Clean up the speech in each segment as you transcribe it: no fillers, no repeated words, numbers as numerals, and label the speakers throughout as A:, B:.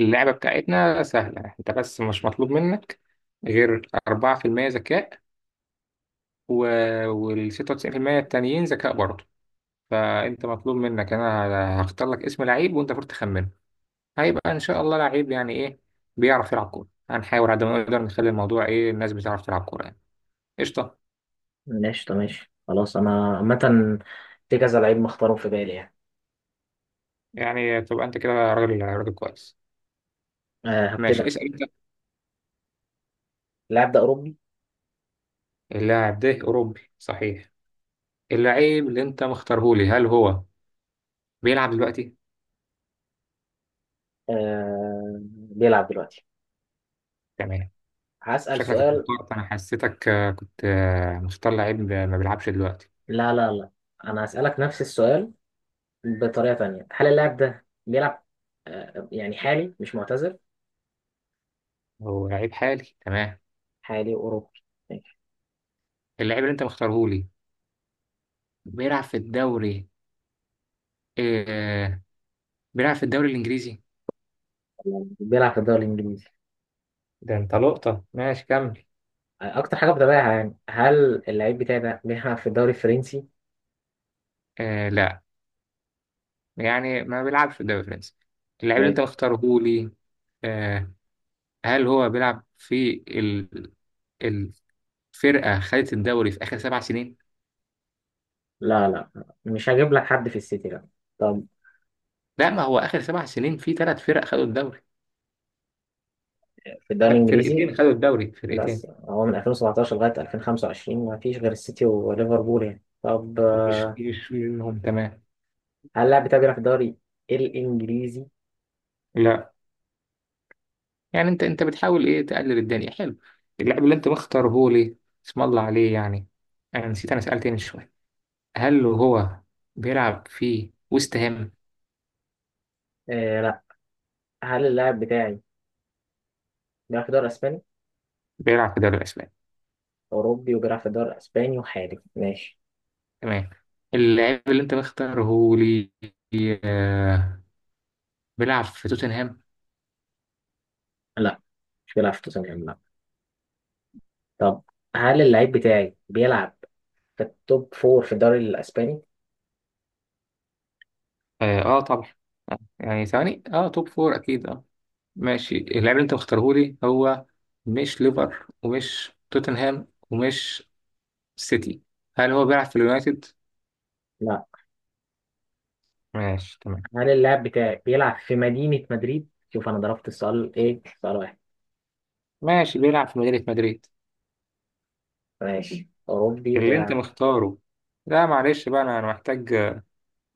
A: اللعبة بتاعتنا سهلة، انت بس مش مطلوب منك غير 4% ذكاء، و... وال 96% التانيين ذكاء برضه. فانت مطلوب منك، انا هختار لك اسم لعيب وانت المفروض تخمنه. هيبقى ان شاء الله لعيب يعني ايه؟ بيعرف يلعب كورة. هنحاول على قد ما نقدر نخلي الموضوع ايه، الناس بتعرف تلعب كورة يعني. قشطة.
B: ماشي، طب ماشي خلاص، انا عامة في كذا لعيب مختارهم في بالي يعني.
A: يعني تبقى انت كده راجل راجل كويس.
B: أه هبتدي
A: ماشي،
B: أنا.
A: اسأل انت.
B: اللاعب ده اوروبي.
A: اللاعب ده اوروبي صحيح. اللعيب اللي انت مختارهولي هل هو بيلعب دلوقتي؟
B: أه بيلعب دلوقتي.
A: تمام.
B: هسأل
A: شكلك
B: سؤال.
A: اتوترت، انا حسيتك كنت مختار لعيب ما بيلعبش دلوقتي.
B: لا لا لا، انا هسألك نفس السؤال بطريقة تانية، هل اللاعب ده بيلعب أه يعني حالي مش معتزل؟
A: هو لعيب حالي تمام.
B: حالي اوروبي ماشي.
A: اللعيب اللي انت مختاره لي بيلعب في الدوري. آه بيلعب في الدوري الانجليزي.
B: بيلعب في الدوري الانجليزي.
A: ده انت لقطة، ماشي كمل.
B: اكتر حاجة بتابعها يعني، هل اللعيب بتاعي ده بيلعب في الدوري الفرنسي؟
A: آه لا، يعني ما بيلعبش في الدوري الفرنسي اللعيب اللي
B: ماشي.
A: انت مختاره لي. آه، هل هو بيلعب في الفرقة خدت الدوري في آخر سبع سنين؟
B: لا لا، مش هجيب لك حد في السيتي لا. طب
A: لا، ما هو آخر سبع سنين في ثلاث فرق خدوا الدوري،
B: في الدوري
A: لا
B: الانجليزي،
A: فرقتين خدوا الدوري،
B: بس
A: فرقتين
B: هو من 2017 لغاية 2025 ما فيش غير السيتي وليفربول يعني. طب
A: يشوي منهم تمام.
B: هل اللاعب بتاعي بيلعب في الدوري الإنجليزي؟
A: لا، يعني انت بتحاول ايه تقلل الدنيا، حلو. اللاعب اللي انت مختاره ليه اسم الله عليه يعني. انا نسيت، انا سألت من شويه هل هو بيلعب في وست هام؟
B: آه لا. هل اللاعب بتاعي بيلعب في الدوري الإسباني؟
A: بيلعب في الدوري الاسباني
B: أوروبي وبيلعب في الدوري الإسباني وحالي ماشي.
A: تمام. اللاعب اللي انت مختاره ليه، آه، بيلعب في توتنهام.
B: لا مش بيلعب في توتنهام لا. طب هل اللاعب بتاعي بيلعب في التوب فور في الدوري الإسباني؟
A: اه آه طبعا. آه، يعني ثواني اه توب فور اكيد اه. ماشي، اللاعب اللي انت مختاره لي هو مش ليفر ومش توتنهام ومش سيتي. هل هو بيلعب في اليونايتد؟
B: لا.
A: ماشي تمام.
B: هل اللاعب بتاعي بيلعب في مدينة مدريد؟ شوف أنا ضربت السؤال إيه؟ سؤال واحد.
A: ماشي بيلعب في مدينة مدريد.
B: ماشي، أوروبي
A: اللي انت
B: وبيلعب،
A: مختاره، لا معلش بقى أنا محتاج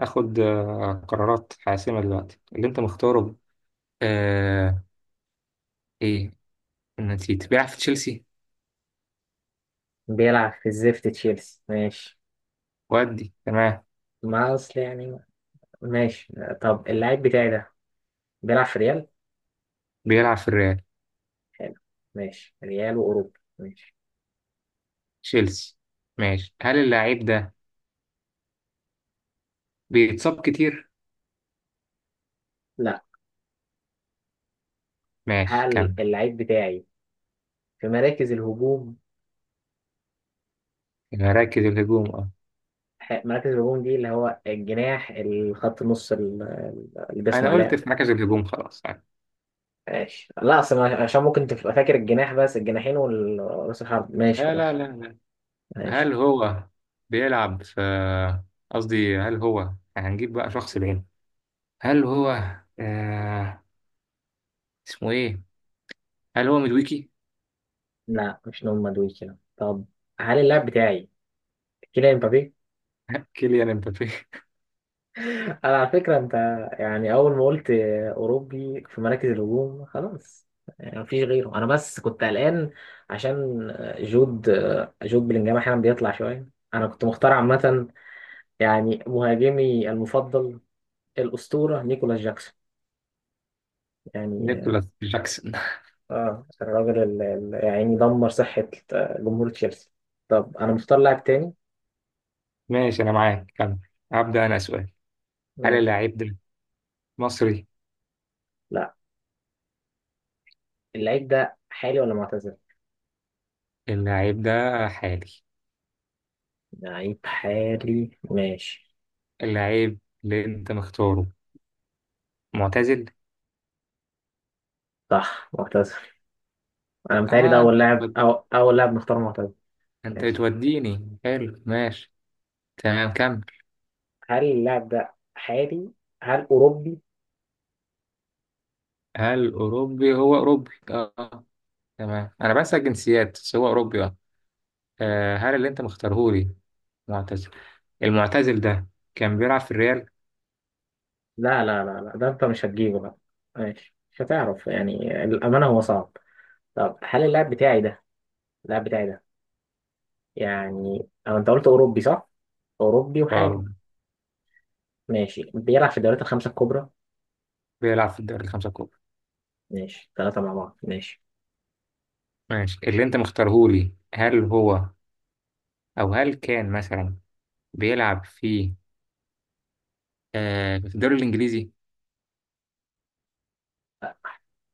A: اخد قرارات حاسمة دلوقتي. اللي انت مختاره آه، ايه، نسيت، بيلعب في تشيلسي
B: بيلعب في الزفت تشيلسي ماشي.
A: ودي تمام.
B: ما اصل يعني. ماشي. طب اللاعب بتاعي ده بيلعب في ريال.
A: بيلعب في الريال
B: حلو. ماشي، ريال واوروبا ماشي.
A: تشيلسي ماشي. هل اللاعب ده بيتصاب كتير؟
B: لا.
A: ماشي
B: هل
A: كمل.
B: اللاعب بتاعي في مراكز الهجوم؟
A: في مراكز الهجوم اه.
B: مراكز الهجوم دي اللي هو الجناح، الخط النص، اللي
A: انا
B: بيصنع لعب.
A: قلت في مركز الهجوم خلاص يعني.
B: ماشي، لا اصل عشان ممكن تبقى فاكر الجناح بس، الجناحين والراس الحرب. ماشي
A: لا لا
B: خلاص.
A: لا. هل
B: ماشي.
A: هو بيلعب في، قصدي هل هو، هنجيب بقى شخص بعينه. هل هو آه... اسمه ايه، هل هو مدويكي؟
B: لا مش نوم مدوي كده. طب هل اللاعب بتاعي كيليان مبابي؟
A: كيليان امبابي.
B: انا على فكره انت، يعني اول ما قلت اوروبي في مراكز الهجوم خلاص، يعني مفيش غيره. انا بس كنت قلقان عشان جود، جود بلينجهام احيانا بيطلع شويه. انا كنت مختار عامه يعني مهاجمي المفضل الاسطوره نيكولاس جاكسون يعني.
A: نيكولاس جاكسون
B: اه الراجل اللي يعني دمر صحه جمهور تشيلسي. طب انا مختار لاعب تاني.
A: ماشي انا معاك كمل. هبدأ انا سؤال. هل
B: ماشي.
A: اللاعب ده مصري؟
B: لا، اللعيب ده حالي ولا معتزل؟
A: اللاعب ده حالي.
B: لعيب حالي ماشي.
A: اللاعب اللي انت مختاره معتزل.
B: صح، معتزل. انا متهيألي ده
A: اه،
B: اول لاعب، أو اول لاعب نختار معتزل.
A: انت
B: ماشي.
A: بتوديني حلو ماشي. تمام كمل.
B: هل اللاعب ده حالي؟ هل اوروبي؟
A: هل اوروبي؟ هو اوروبي اه آه، تمام. انا بنسى الجنسيات بس هو اوروبي اه. آه، هل اللي انت مختارهولي معتزل، المعتزل ده كان بيلعب في الريال؟
B: لا، ده انت مش هتجيبه بقى. ماشي، مش هتعرف يعني الامانه هو صعب. طب هل اللاعب بتاعي ده، اللاعب بتاعي ده يعني، او انت قلت اوروبي صح، اوروبي وحالي
A: اه
B: ماشي. بيلعب في الدوريات الخمسه الكبرى.
A: بيلعب في الدوري الخمسة الكبرى
B: ماشي، ثلاثه مع بعض ماشي.
A: ماشي. اللي انت مختارهولي هل هو، او هل كان مثلا بيلعب في، في الدوري الانجليزي؟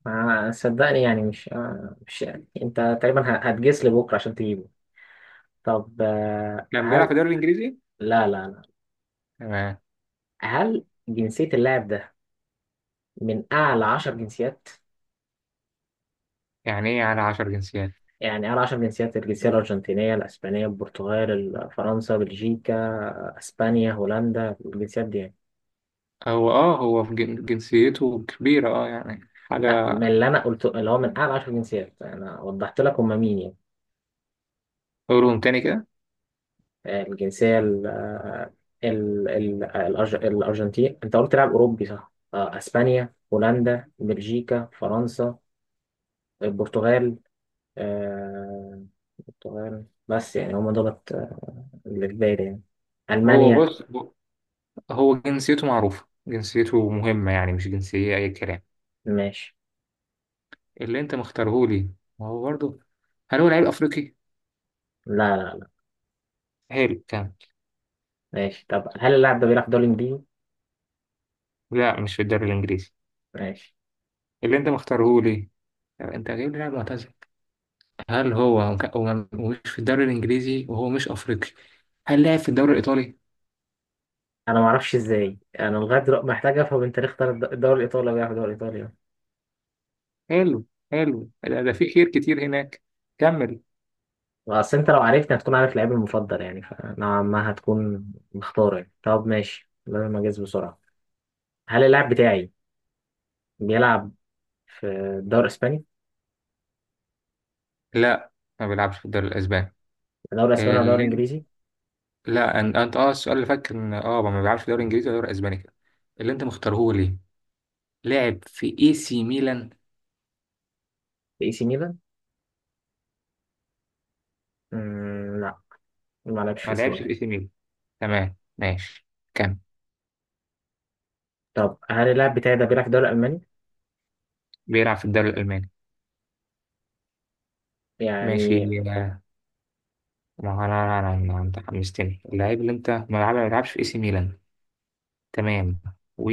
B: ما صدقني يعني، مش مش يعني. انت تقريبا هتجس لي بكره عشان تجيبه. طب
A: كان بيلعب في
B: هل
A: الدوري الانجليزي.
B: لا لا لا؟
A: تمام.
B: هل جنسيه اللاعب ده من أعلى عشر جنسيات؟
A: يعني ايه على عشر جنسيات؟
B: يعني أعلى عشر جنسيات: الجنسية الأرجنتينية، الأسبانية، البرتغال، فرنسا، بلجيكا، أسبانيا، هولندا، الجنسيات دي يعني.
A: هو اه هو في جنسيته كبيرة اه، يعني
B: لا،
A: حاجة.
B: من اللي أنا قلته اللي هو من أعلى عشر جنسيات، أنا وضحت لك هما مين يعني.
A: قولهم تاني كده.
B: الجنسية ال الأرجنتين، أنت قلت لاعب أوروبي صح، أسبانيا، هولندا، بلجيكا، فرنسا، البرتغال، آه، البرتغال بس يعني، هما دولت اللي في بالي يعني
A: هو
B: ألمانيا.
A: بص، هو جنسيته معروفة، جنسيته مهمة، يعني مش جنسية أي كلام
B: ماشي.
A: اللي أنت مختارهولي ما هو برضه. هل هو لعيب افريقي؟
B: لا لا.
A: هل كان؟
B: ماشي، طب هل اللاعب ده بيلعب دوري انجليزي؟
A: لا، مش في الدوري الانجليزي.
B: ماشي.
A: اللي انت مختاره ليه؟ طب انت جايب لي لاعب معتزل، هل هو ومش في الدوري الانجليزي، وهو مش افريقي. هل لعب في الدوري الايطالي؟
B: انا ما اعرفش ازاي، انا لغايه دلوقتي محتاج افهم انت ليه اختار الدوري الايطالي ولا بيلعب الدوري الايطالي.
A: حلو، حلو ده في خير كتير هناك. كمل.
B: اصل انت لو عرفت هتكون عارف لعيبي المفضل، يعني فنوعا ما هتكون مختار يعني. طب ماشي، لازم اجهز بسرعه. هل اللاعب بتاعي بيلعب في الدوري الاسباني؟
A: لا ما بيلعبش في الدوري الاسباني.
B: الدوري الاسباني ولا الدوري
A: اللي...
B: الانجليزي؟
A: لا انت اه السؤال اللي فات كان اه ما بيلعبش في الدوري الانجليزي ولا الدوري الاسباني كده. اللي انت مختاره ليه؟ لعب في اي سي ميلان.
B: في اي سي ميلان؟ لا، ما لعبش في
A: ما
B: اي سي
A: لعبش في
B: ميلان.
A: اي سي ميلان تمام، ماشي كمل.
B: طب هل اللاعب بتاعي ده بيلعب في الدوري الالماني؟
A: بيلعب في الدوري الالماني ماشي.
B: يعني.
A: ما هو انت حمستني. اللعيب اللي انت ما لعبش في اي سي ميلان تمام، و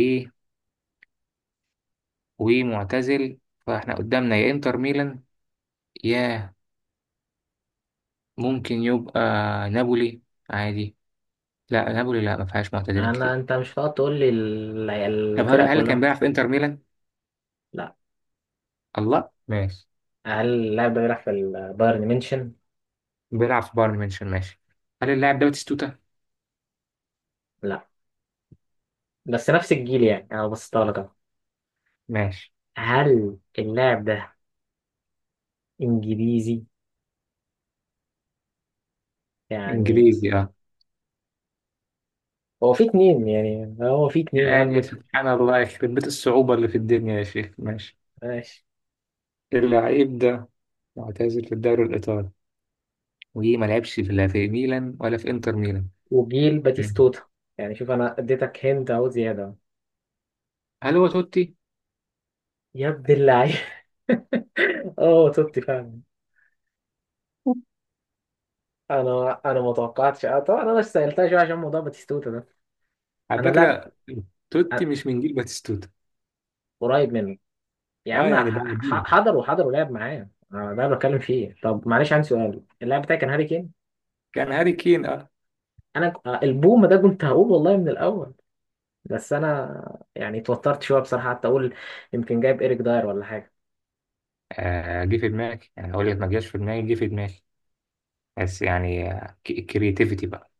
A: ومعتزل فاحنا قدامنا يا انتر ميلان، يا ممكن يبقى نابولي عادي. لا نابولي لا، ما فيهاش معتزلين
B: انا
A: كتير.
B: انت مش هتقعد تقول لي
A: طب هل
B: الفرق
A: هل كان
B: كلها.
A: بيلعب في انتر ميلان؟
B: لا.
A: الله ماشي.
B: هل اللاعب ده بيلعب في البايرن ميونشن؟
A: بيلعب في بايرن ميونخ ماشي. هل اللاعب ده باتيستوتا؟
B: لا، بس نفس الجيل يعني، انا بصيتها لك أهو.
A: ماشي.
B: هل اللاعب ده انجليزي؟ يعني،
A: انجليزي اه.
B: هو في اتنين، يعني هو في اتنين
A: يعني
B: قلبك.
A: سبحان الله، يخرب بيت الصعوبة اللي في الدنيا يا شيخ. ماشي،
B: ماشي،
A: اللعيب ده معتزل في الدوري الإيطالي وما لعبش في لا في ميلان ولا في انتر ميلان.
B: وجيل
A: مم.
B: باتيستوتا يعني. شوف انا اديتك هند اهو زياده.
A: هل هو توتي؟
B: يا ابن اللعيب. اه توتي فعلا. انا ما توقعتش. اه طبعا انا سالتها شويه عشان موضوع باتيستوتا ده.
A: على
B: انا لاعب
A: فكرة توتي مش من جيل باتيستوتا.
B: قريب منه، يا
A: اه
B: عم،
A: يعني بعديه.
B: حضر، وحضر ولعب معاه أنا، ده اللي بتكلم فيه. طب معلش عندي سؤال، اللاعب بتاعي كان هاري كين.
A: كان هاري كين اه.
B: انا البوم ده كنت هقول والله من الاول، بس انا يعني اتوترت شويه بصراحه، حتى اقول يمكن جايب ايريك داير ولا حاجه.
A: آه، جه في دماغي، يعني اقول لك ما جاش في دماغي، جه في دماغي بس يعني الكرياتيفيتي بقى